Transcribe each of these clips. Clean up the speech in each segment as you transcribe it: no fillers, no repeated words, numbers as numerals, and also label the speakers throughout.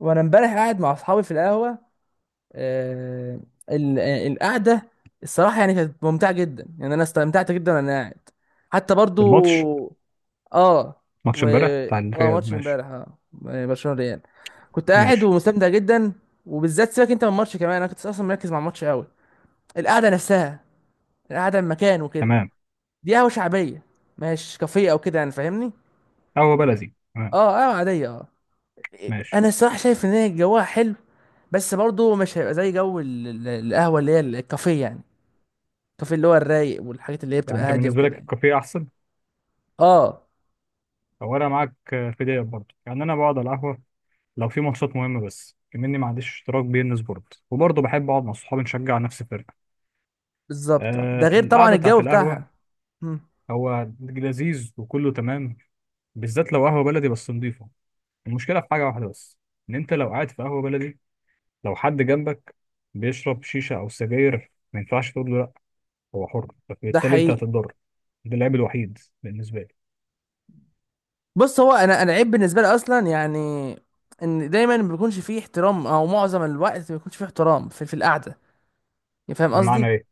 Speaker 1: وانا امبارح قاعد مع اصحابي في القهوه. آه. القعده. الصراحه يعني كانت ممتعه جدا، يعني انا استمتعت جدا وانا قاعد. حتى
Speaker 2: الماتش
Speaker 1: برضو. اه.
Speaker 2: ماتش
Speaker 1: و
Speaker 2: امبارح بتاع
Speaker 1: اه
Speaker 2: الريال،
Speaker 1: ماتش
Speaker 2: ماشي.
Speaker 1: امبارح برشلونه ريال. كنت قاعد
Speaker 2: ماشي،
Speaker 1: ومستمتع جدا. وبالذات سيبك انت من الماتش، كمان انا كنت اصلا مركز مع الماتش قوي. القعده نفسها، القعده المكان وكده.
Speaker 2: تمام.
Speaker 1: دي قهوه شعبيه، مش كافيه او كده، يعني فاهمني.
Speaker 2: قهوة بلدي، تمام.
Speaker 1: اه، قهوه عاديه
Speaker 2: ماشي.
Speaker 1: انا الصراحه شايف ان هي جوها حلو، بس برضه مش هيبقى زي جو القهوه اللي هي الكافيه يعني. الكافيه اللي هو الرايق، والحاجات اللي هي
Speaker 2: يعني
Speaker 1: بتبقى
Speaker 2: انت
Speaker 1: هاديه
Speaker 2: بالنسبة
Speaker 1: وكده
Speaker 2: لك
Speaker 1: يعني.
Speaker 2: الكافيه احسن
Speaker 1: اه
Speaker 2: او انا معاك. في ديت برضه، يعني انا بقعد على القهوة لو في ماتشات مهمة، بس كمني ما عنديش اشتراك بي ان سبورت، وبرضه بحب اقعد مع صحابي نشجع نفس الفرقة.
Speaker 1: بالظبط آه. ده
Speaker 2: آه،
Speaker 1: غير طبعا
Speaker 2: القعدة
Speaker 1: الجو
Speaker 2: بتاعت القهوة
Speaker 1: بتاعها. مم.
Speaker 2: هو لذيذ وكله تمام، بالذات لو قهوة بلدي بس نضيفة. المشكلة في حاجة واحدة بس، إن أنت لو قاعد في قهوة بلدي، لو حد جنبك بيشرب شيشة أو سجاير ما ينفعش تقول له، هو حر،
Speaker 1: ده
Speaker 2: فبالتالي انت
Speaker 1: حقيقي.
Speaker 2: هتتضرر. ده العيب الوحيد بالنسبه لي.
Speaker 1: بص، هو انا عيب بالنسبه لي اصلا، يعني ان دايما ما بيكونش فيه احترام، او معظم الوقت ما بيكونش فيه احترام في القعده، يعني فاهم
Speaker 2: بمعنى
Speaker 1: قصدي.
Speaker 2: ايه؟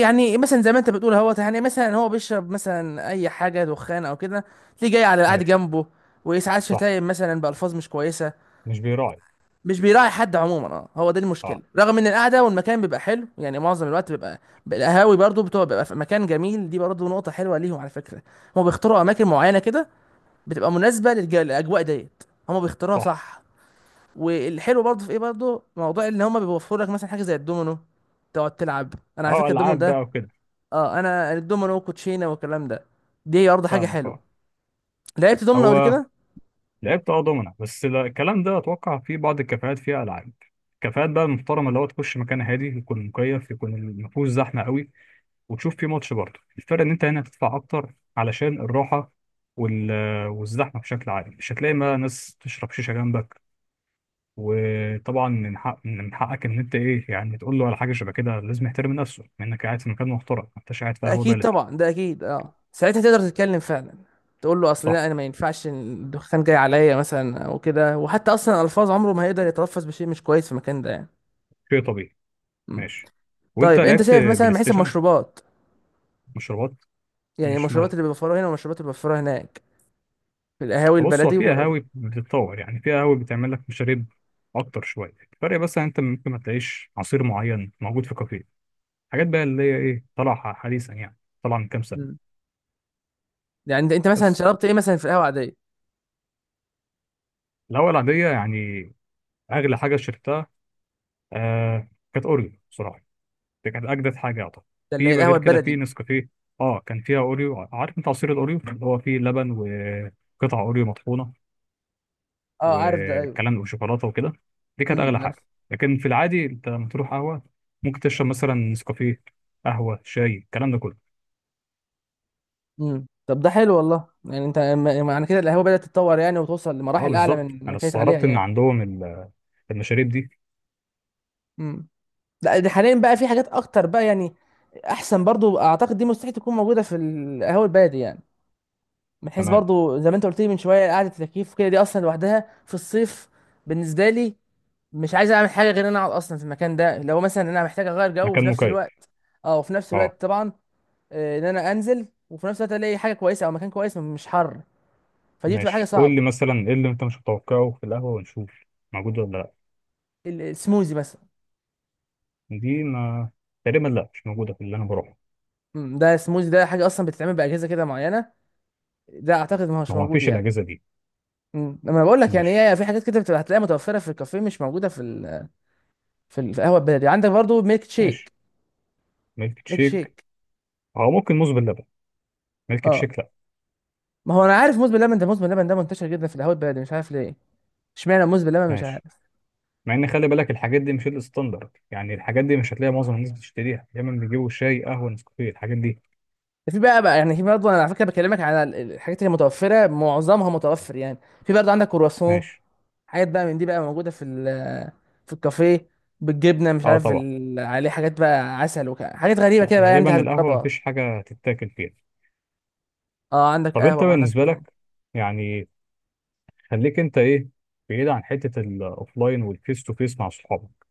Speaker 1: يعني مثلا زي ما انت بتقول اهوت، يعني مثلا هو بيشرب مثلا اي حاجه دخان او كده، تلاقيه جاي على قاعد
Speaker 2: ماشي.
Speaker 1: جنبه. وساعات
Speaker 2: صح،
Speaker 1: شتايم مثلا بالفاظ مش كويسه.
Speaker 2: مش بيراعي.
Speaker 1: مش بيراعي حد عموما. اه هو ده
Speaker 2: اه.
Speaker 1: المشكله، رغم ان القعده والمكان بيبقى حلو يعني، معظم الوقت بيبقى القهاوي برضو بتبقى، بيبقى في مكان جميل، دي برضو نقطه حلوه ليهم على فكره. هم بيختاروا اماكن معينه كده، بتبقى مناسبه للاجواء ديت، هم بيختاروها
Speaker 2: صح.
Speaker 1: صح. والحلو برضو في ايه، برضو موضوع ان هم بيوفروا لك مثلا حاجه زي الدومينو، تقعد تلعب. انا على
Speaker 2: اه،
Speaker 1: فكره الدومينو
Speaker 2: العاب بقى
Speaker 1: ده،
Speaker 2: وكده.
Speaker 1: اه، انا الدومينو وكوتشينه والكلام ده، دي برضه حاجه
Speaker 2: فاهمك
Speaker 1: حلوه.
Speaker 2: اه.
Speaker 1: لعبت دومينو قبل
Speaker 2: هو
Speaker 1: كده.
Speaker 2: لعبت دومنا، بس الكلام ده اتوقع في بعض الكافيهات فيها العاب. الكافيهات بقى المحترمه اللي هو تخش مكان هادي، يكون مكيف، يكون المفهوش زحمه قوي، وتشوف فيه ماتش برضه. الفرق ان انت هنا هتدفع اكتر علشان الراحه وال... والزحمه بشكل عام، مش هتلاقي بقى ناس تشرب شيشه جنبك. وطبعا من حق من حقك ان انت ايه يعني تقول له على حاجه شبه كده، لازم يحترم نفسه، انك قاعد في مكان محترم ما انتش قاعد في قهوه
Speaker 1: اكيد
Speaker 2: بلدي.
Speaker 1: طبعا ده اكيد، ساعتها تقدر تتكلم فعلا، تقول له اصل
Speaker 2: صح،
Speaker 1: لا انا ما ينفعش الدخان جاي عليا مثلا او كده. وحتى اصلا الفاظ عمره ما هيقدر يتلفظ بشيء مش كويس في المكان ده يعني.
Speaker 2: شيء طبيعي.
Speaker 1: مم.
Speaker 2: ماشي. وانت
Speaker 1: طيب انت
Speaker 2: لعبت
Speaker 1: شايف مثلا
Speaker 2: بلاي
Speaker 1: من حيث
Speaker 2: ستيشن؟
Speaker 1: المشروبات،
Speaker 2: مشروبات.
Speaker 1: يعني
Speaker 2: ماشي،
Speaker 1: المشروبات
Speaker 2: مالها.
Speaker 1: اللي بيوفروها هنا والمشروبات اللي بيوفروها هناك، في القهاوي
Speaker 2: بص، هو
Speaker 1: البلدي
Speaker 2: في
Speaker 1: و...
Speaker 2: قهاوي بتتطور، يعني في قهاوي بتعمل لك مشاريب اكتر شويه. الفرق بس ان انت ممكن ما تلاقيش عصير معين موجود في كافيه، حاجات بقى اللي هي ايه، طالعه حديثا يعني، طالعه من كام
Speaker 1: مم.
Speaker 2: سنه.
Speaker 1: يعني انت مثلا
Speaker 2: بس
Speaker 1: شربت ايه مثلا في القهوه العاديه؟
Speaker 2: الهوا العاديه يعني، اغلى حاجه شربتها آه كانت اوريو بصراحه، دي كانت اجدد حاجه اعتقد.
Speaker 1: ده اللي هي
Speaker 2: في
Speaker 1: القهوه
Speaker 2: غير كده في
Speaker 1: البلدي.
Speaker 2: نسكافيه، اه كان فيها اوريو. عارف انت عصير الاوريو اللي هو فيه لبن وقطع اوريو مطحونه
Speaker 1: اه عارف ده ايوه.
Speaker 2: والكلام ده وشوكولاته وكده، دي كانت اغلى
Speaker 1: عارف.
Speaker 2: حاجه. لكن في العادي انت لما تروح قهوه ممكن تشرب مثلا نسكافيه، قهوه، شاي، الكلام ده كله.
Speaker 1: طب ده حلو والله، يعني انت يعني معنى كده القهوه بدات تتطور يعني، وتوصل
Speaker 2: اه
Speaker 1: لمراحل اعلى
Speaker 2: بالظبط،
Speaker 1: من ما
Speaker 2: انا
Speaker 1: كانت عليها
Speaker 2: استغربت ان
Speaker 1: يعني.
Speaker 2: عندهم المشاريب دي.
Speaker 1: امم لا دي حاليا بقى في حاجات اكتر بقى يعني، احسن برضو اعتقد، دي مستحيل تكون موجوده في القهوه البلدي يعني. من حيث
Speaker 2: تمام،
Speaker 1: برضو زي ما انت قلت لي من شويه، قعده التكييف كده دي اصلا لوحدها في الصيف. بالنسبه لي، مش عايز اعمل حاجه غير ان انا اقعد اصلا في المكان ده، لو مثلا انا محتاج اغير جو وفي
Speaker 2: مكان
Speaker 1: نفس
Speaker 2: مكيف.
Speaker 1: الوقت. اه، وفي نفس
Speaker 2: اه.
Speaker 1: الوقت طبعا. ان انا انزل، وفي نفس الوقت الاقي حاجه كويسه او مكان كويس مش حر، فدي بتبقى حاجه
Speaker 2: ماشي، قول
Speaker 1: صعبه.
Speaker 2: لي مثلا ايه اللي انت مش متوقعه في القهوه ونشوف موجود ولا لا.
Speaker 1: السموزي مثلا.
Speaker 2: دي ما تقريبا لا، مش موجوده في اللي انا بروحه.
Speaker 1: ده سموزي ده حاجه اصلا بتتعمل باجهزه كده معينه، ده اعتقد ما هوش
Speaker 2: هو ما
Speaker 1: موجود
Speaker 2: فيش
Speaker 1: يعني.
Speaker 2: الاجهزه دي.
Speaker 1: لما أنا بقول لك يعني،
Speaker 2: ماشي.
Speaker 1: هي في حاجات كده بتبقى هتلاقيها متوفره في الكافيه، مش موجوده في ال... في القهوه البلدي. عندك برضو ميلك
Speaker 2: ماشي،
Speaker 1: شيك.
Speaker 2: ميلك
Speaker 1: ميلك
Speaker 2: شيك
Speaker 1: شيك.
Speaker 2: او ممكن موز باللبن. ميلك
Speaker 1: اه،
Speaker 2: شيك لا.
Speaker 1: ما هو انا عارف موز باللبن ده، موز باللبن ده منتشر جدا في القهوه البلدي، مش عارف ليه. اشمعنى موز باللبن، مش
Speaker 2: ماشي،
Speaker 1: عارف.
Speaker 2: مع ان خلي بالك الحاجات دي مش الستاندرد، يعني الحاجات دي مش هتلاقي معظم الناس بتشتريها، دايما بيجيبوا شاي، قهوه، نسكافيه، الحاجات دي.
Speaker 1: ده في بقى يعني، في برضه انا على فكره بكلمك على الحاجات اللي متوفره معظمها متوفر يعني. في برضه عندك كرواسون،
Speaker 2: ماشي.
Speaker 1: حاجات بقى من دي بقى موجوده في الكافيه، بالجبنه، مش
Speaker 2: اه
Speaker 1: عارف
Speaker 2: طبعا.
Speaker 1: عليه حاجات بقى، عسل وكده، حاجات غريبه
Speaker 2: لا،
Speaker 1: كده بقى يعني انت
Speaker 2: غالبا القهوه
Speaker 1: هتجربها.
Speaker 2: مفيش حاجه تتاكل فيها.
Speaker 1: اه، عندك
Speaker 2: طب انت
Speaker 1: قهوه وعندك
Speaker 2: بالنسبه
Speaker 1: التاني.
Speaker 2: لك يعني، خليك انت ايه، بعيد عن حته الاوفلاين والفيس تو فيس مع صحابك.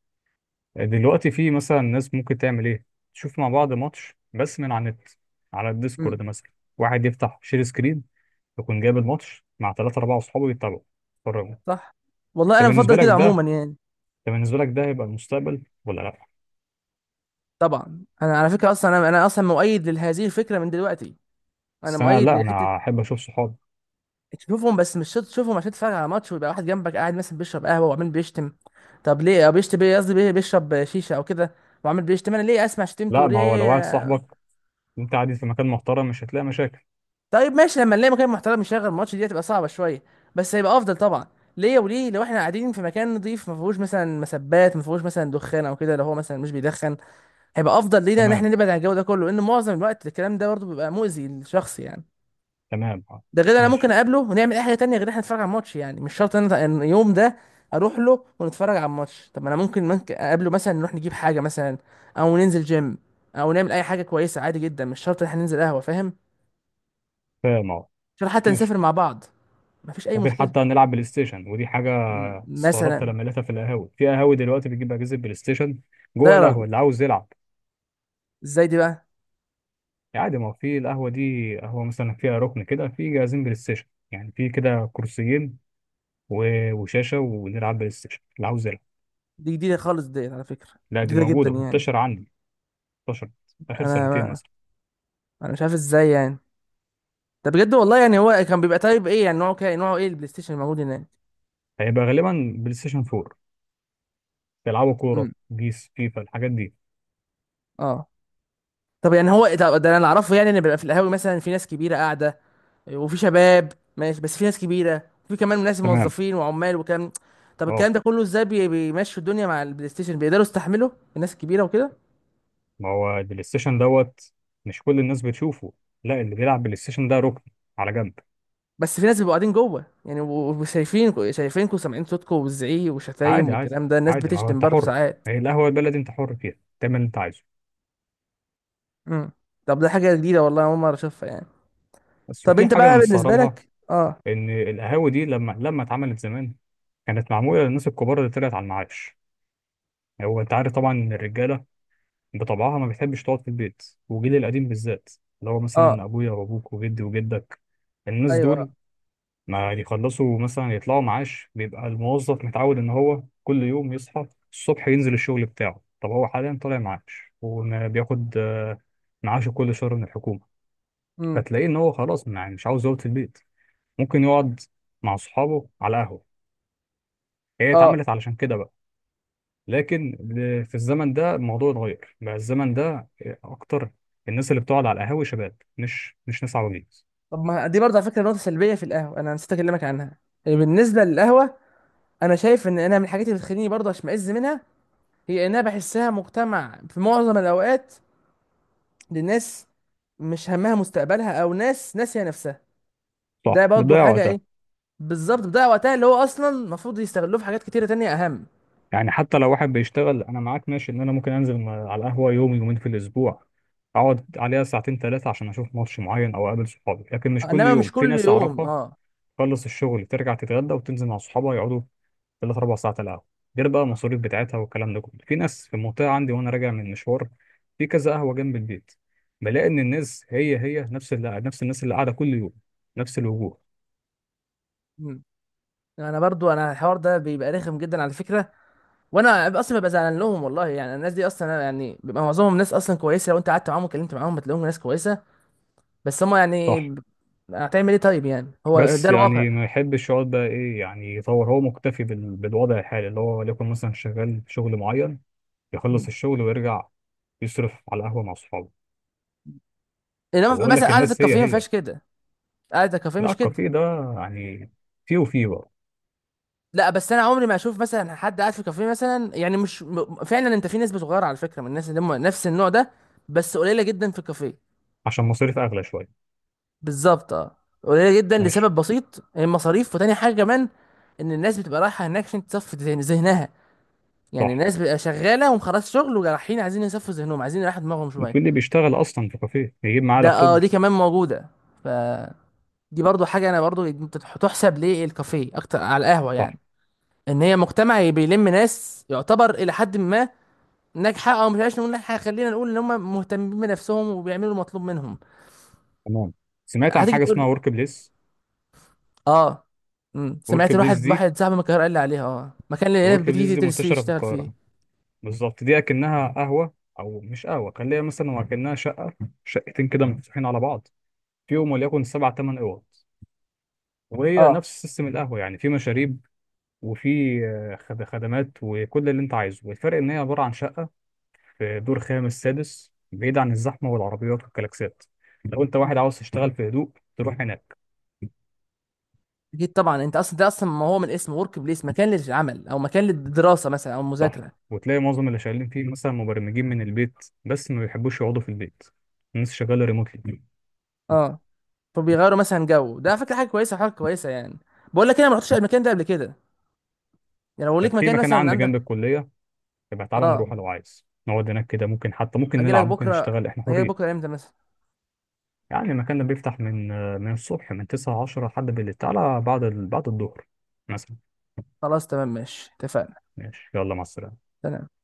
Speaker 2: دلوقتي في مثلا ناس ممكن تعمل ايه، تشوف مع بعض ماتش بس من على النت، على
Speaker 1: امم
Speaker 2: الديسكورد مثلا. واحد يفتح شير سكرين، يكون جايب الماتش مع 3 4 أصحابه، يتابعوا، يتفرجوا.
Speaker 1: صح والله،
Speaker 2: انت
Speaker 1: انا
Speaker 2: بالنسبة
Speaker 1: بفضل
Speaker 2: لك
Speaker 1: كده
Speaker 2: ده،
Speaker 1: عموما يعني.
Speaker 2: انت بالنسبة لك ده هيبقى المستقبل ولا لأ؟
Speaker 1: طبعا انا على فكره اصلا، انا اصلا مؤيد لهذه الفكره من دلوقتي، انا
Speaker 2: بس أنا
Speaker 1: مؤيد
Speaker 2: لأ،
Speaker 1: لحته.
Speaker 2: أنا أحب أشوف صحابي.
Speaker 1: تشوفهم بس مش شرط تشوفهم عشان تتفرج على ماتش، ويبقى واحد جنبك قاعد مثلا بيشرب قهوه وعمال بيشتم. طب ليه؟ او بيشتم ايه، قصدي بيشرب شيشه او كده، وعمال بيشتم، انا ليه اسمع شتمته
Speaker 2: لأ، ما هو لو واحد
Speaker 1: وليه.
Speaker 2: صاحبك وأنت قاعد في مكان محترم مش هتلاقي مشاكل.
Speaker 1: طيب ماشي لما نلاقي مكان محترم يشغل الماتش دي هتبقى صعبة شوية، بس هيبقى أفضل طبعا. ليه وليه لو احنا قاعدين في مكان نضيف، ما فيهوش مثلا مسبات، ما فيهوش مثلا دخان او كده، لو هو مثلا مش بيدخن، هيبقى افضل لينا ان
Speaker 2: تمام.
Speaker 1: احنا نبعد عن الجو ده كله، لان معظم الوقت الكلام ده برضه بيبقى مؤذي للشخص يعني.
Speaker 2: تمام، آه.
Speaker 1: ده غير انا ممكن
Speaker 2: ماشي.
Speaker 1: اقابله ونعمل اي حاجه تانية، غير إن احنا نتفرج على الماتش، يعني مش شرط ان أنا اليوم ده اروح له ونتفرج على الماتش. طب ما انا ممكن اقابله مثلا نروح نجيب حاجه مثلا، او ننزل جيم، او نعمل اي حاجه كويسه، عادي جدا، مش شرط ان احنا ننزل قهوه، فاهم.
Speaker 2: فاهم أه.
Speaker 1: مش شرط حتى
Speaker 2: ماشي.
Speaker 1: نسافر مع بعض، مفيش اي
Speaker 2: ممكن
Speaker 1: مشكله.
Speaker 2: حتى نلعب بلاي ستيشن، ودي حاجة استغربت
Speaker 1: مثلا،
Speaker 2: لما لقيتها في القهاوي، في قهاوي دلوقتي بتجيب أجهزة بلاي ستيشن
Speaker 1: لا
Speaker 2: جوه
Speaker 1: يا راجل،
Speaker 2: القهوة، اللي عاوز يلعب.
Speaker 1: ازاي دي بقى؟
Speaker 2: عادي، ما هو في القهوة دي، قهوة مثلا فيها ركن كده، في جهازين بلاي ستيشن، يعني في كده كرسيين وشاشة، ونلعب بلاي ستيشن اللي عاوز يلعب.
Speaker 1: دي جديده خالص ديت على فكره،
Speaker 2: لا، دي
Speaker 1: جديده جدا
Speaker 2: موجودة
Speaker 1: يعني.
Speaker 2: منتشرة عندي، انتشرت آخر سنتين
Speaker 1: انا
Speaker 2: مثلا.
Speaker 1: انا مش عارف ازاي يعني، ده بجد والله يعني. هو كان بيبقى طيب ايه، يعني نوعه كده، نوعه ايه البلاي ستيشن الموجود هناك؟
Speaker 2: هيبقى غالبا بلاي ستيشن 4، بيلعبوا
Speaker 1: امم
Speaker 2: كورة، بيس، فيفا، الحاجات دي.
Speaker 1: اه طب يعني هو إيه، طب ده انا اللي اعرفه يعني، ان بيبقى في القهاوي مثلا في ناس كبيره قاعده، وفي شباب ماشي، بس في ناس كبيره وفي كمان ناس
Speaker 2: تمام.
Speaker 1: موظفين وعمال وكام. طب
Speaker 2: اه،
Speaker 1: الكلام ده كله ازاي بيمشوا الدنيا مع البلاي ستيشن؟ بيقدروا يستحملوا الناس الكبيره وكده؟
Speaker 2: ما هو البلاي ستيشن دوت، مش كل الناس بتشوفه. لا، اللي بيلعب بلاي ستيشن ده ركن على جنب.
Speaker 1: بس في ناس بيبقوا قاعدين جوه يعني، وشايفينكوا وسامعين صوتكوا والزعيق وشتايم
Speaker 2: عادي، عادي،
Speaker 1: والكلام ده، الناس
Speaker 2: عادي. ما هو
Speaker 1: بتشتم
Speaker 2: انت
Speaker 1: برضه
Speaker 2: حر،
Speaker 1: ساعات.
Speaker 2: هي القهوة البلدي انت حر فيها، تعمل اللي انت عايزه.
Speaker 1: امم طب ده حاجه جديده والله، أنا اول مره اشوفها يعني.
Speaker 2: بس
Speaker 1: طب
Speaker 2: وفي
Speaker 1: انت
Speaker 2: حاجة أنا
Speaker 1: بقى بالنسبه
Speaker 2: مستغربها،
Speaker 1: لك؟ اه.
Speaker 2: ان القهاوي دي لما اتعملت زمان، كانت معموله للناس الكبار اللي طلعت على المعاش. هو انت عارف طبعا ان الرجاله بطبعها ما بتحبش تقعد في البيت، وجيل القديم بالذات، اللي هو مثلا
Speaker 1: اه،
Speaker 2: ابويا وابوك وجدي وجدك، الناس
Speaker 1: ايوه،
Speaker 2: دول
Speaker 1: اه.
Speaker 2: ما يخلصوا مثلا يطلعوا معاش بيبقى الموظف متعود ان هو كل يوم يصحى الصبح ينزل الشغل بتاعه. طب هو حاليا طالع معاش، وما بياخد معاشه كل شهر من الحكومه.
Speaker 1: امم.
Speaker 2: فتلاقيه ان هو خلاص مش عاوز يقعد في البيت، ممكن يقعد مع صحابه على قهوه. هي
Speaker 1: اه.
Speaker 2: اتعملت علشان كده بقى. لكن في الزمن ده الموضوع اتغير بقى. الزمن ده اكتر الناس اللي بتقعد على القهاوي شباب، مش ناس عواجيز.
Speaker 1: طب ما دي برضه على فكره نقطه سلبيه في القهوه انا نسيت اكلمك عنها، يعني بالنسبه للقهوه. انا شايف ان انا من الحاجات اللي بتخليني برضه اشمئز منها، هي انها بحسها مجتمع في معظم الاوقات، للناس مش همها مستقبلها، او ناس ناسيه نفسها. ده
Speaker 2: صح،
Speaker 1: برضه
Speaker 2: بتضيع
Speaker 1: حاجه
Speaker 2: وقتها.
Speaker 1: ايه، بالظبط بضيع وقتها، اللي هو اصلا المفروض يستغلوه في حاجات كتيره تانية اهم.
Speaker 2: يعني حتى لو واحد بيشتغل، انا معاك ماشي ان انا ممكن انزل على القهوه يوم يومين في الاسبوع، اقعد عليها ساعتين 3 عشان اشوف ماتش معين او اقابل صحابي، لكن مش كل
Speaker 1: انما مش
Speaker 2: يوم. في
Speaker 1: كل
Speaker 2: ناس
Speaker 1: يوم،
Speaker 2: اعرفها
Speaker 1: اه.
Speaker 2: تخلص الشغل ترجع تتغدى وتنزل مع صحابها يقعدوا 3 4 ساعات على القهوة، غير بقى المصاريف بتاعتها والكلام ده كله. في ناس في المنطقة عندي، وأنا راجع من مشوار في كذا قهوة جنب البيت، بلاقي إن الناس هي هي، نفس اللي نفس الناس اللي قاعدة كل يوم، نفس الوجوه.
Speaker 1: مم. انا برضو انا الحوار ده بيبقى رخم جدا على فكره، وانا اصلا ببقى زعلان لهم والله. يعني الناس دي اصلا يعني بيبقى معظمهم ناس اصلا كويسه، لو انت قعدت معاهم وكلمت معاهم بتلاقيهم ناس كويسه، بس هم
Speaker 2: صح.
Speaker 1: يعني. هتعمل ايه طيب، يعني هو
Speaker 2: بس
Speaker 1: ده الواقع.
Speaker 2: يعني ما يحبش يقعد بقى إيه يعني، يطور. هو مكتفي بالوضع الحالي، اللي هو ليكن مثلا شغال في شغل معين، يخلص
Speaker 1: مم.
Speaker 2: الشغل ويرجع يصرف على قهوة مع صحابه.
Speaker 1: انما
Speaker 2: وأقول
Speaker 1: مثلا
Speaker 2: لك
Speaker 1: قعده
Speaker 2: الناس هي
Speaker 1: الكافيه ما
Speaker 2: هي.
Speaker 1: فيهاش كده، قعده الكافيه
Speaker 2: لا،
Speaker 1: مش كده.
Speaker 2: الكافيه ده يعني، فيه وفيه بقى.
Speaker 1: لا، بس انا عمري ما اشوف مثلا حد قاعد في كافيه مثلا، يعني مش فعلا انت في نسبه صغيره على فكره من الناس اللي هم نفس النوع ده، بس قليله جدا في الكافيه.
Speaker 2: عشان مصاريف اغلى شويه.
Speaker 1: بالظبط اه. قليله جدا
Speaker 2: ماشي.
Speaker 1: لسبب بسيط، المصاريف، وتاني حاجه كمان، ان الناس بتبقى رايحه هناك عشان تصفي ذهنها. يعني
Speaker 2: صح.
Speaker 1: الناس بتبقى شغاله ومخلص شغل ورايحين عايزين يصفوا ذهنهم، عايزين يريحوا دماغهم شويه.
Speaker 2: بتقول لي بيشتغل اصلا في كافيه يجيب معاه
Speaker 1: ده اه،
Speaker 2: لابتوب.
Speaker 1: دي كمان موجوده. ف دي برضو حاجه انا برضو انت تحسب ليه الكافيه اكتر على القهوه
Speaker 2: صح،
Speaker 1: يعني، ان هي مجتمع بيلم ناس يعتبر الى حد ما ناجحه، او مش عايز نقول ناجحه، خلينا نقول ان هم مهتمين بنفسهم وبيعملوا المطلوب منهم.
Speaker 2: تمام. سمعت عن
Speaker 1: هتيجي
Speaker 2: حاجه
Speaker 1: تقول
Speaker 2: اسمها
Speaker 1: لي-
Speaker 2: ورك بليس.
Speaker 1: اه. مم.
Speaker 2: ورك
Speaker 1: سمعت
Speaker 2: بليس
Speaker 1: واحد
Speaker 2: دي،
Speaker 1: واحد صاحبي من القاهره قال لي عليها، مكان اللي العيال
Speaker 2: ورك بليس
Speaker 1: بتيجي
Speaker 2: دي
Speaker 1: تدرس فيه
Speaker 2: منتشره في
Speaker 1: يشتغل فيه.
Speaker 2: القاهره، بالظبط. دي اكنها قهوه او مش قهوه، خليها مثلا وكانها شقه، شقتين كده مفتوحين على بعض، فيهم وليكن 7 8 اوض، وهي
Speaker 1: اه.
Speaker 2: نفس سيستم القهوه، يعني في مشاريب وفي خدمات وكل اللي انت عايزه. والفرق ان هي عباره عن شقه في دور خامس سادس بعيد عن الزحمة والعربيات والكلاكسات، لو أنت واحد
Speaker 1: مم.
Speaker 2: عاوز تشتغل في هدوء تروح هناك.
Speaker 1: اكيد طبعا، انت اصلا ده اصلا ما هو من اسمه ورك بليس، مكان للعمل، او مكان للدراسه مثلا او
Speaker 2: صح.
Speaker 1: مذاكره.
Speaker 2: وتلاقي معظم اللي شغالين فيه مثلا مبرمجين من البيت، بس ما بيحبوش يقعدوا في البيت، الناس شغالة ريموتلي.
Speaker 1: اه، فبيغيروا مثلا جو، ده على فكره حاجه كويسه، حاجه كويسه يعني. بقول لك انا ما رحتش المكان ده قبل كده. يعني لو ليك
Speaker 2: في
Speaker 1: مكان
Speaker 2: مكان
Speaker 1: مثلا
Speaker 2: عندي جنب
Speaker 1: عندك.
Speaker 2: الكلية، يبقى تعالى
Speaker 1: اه،
Speaker 2: نروح لو عايز. نقعد هناك كده، ممكن حتى ممكن
Speaker 1: اجي لك
Speaker 2: نلعب، ممكن
Speaker 1: بكره.
Speaker 2: نشتغل، احنا
Speaker 1: اجي لك
Speaker 2: حرين.
Speaker 1: بكره امتى مثلا؟
Speaker 2: يعني المكان ده بيفتح من الصبح من 9 10 لحد بالليل. تعالى بعد بعد الظهر مثلا.
Speaker 1: خلاص تمام ماشي، اتفقنا.
Speaker 2: ماشي يلا، مع السلامة.
Speaker 1: تمام.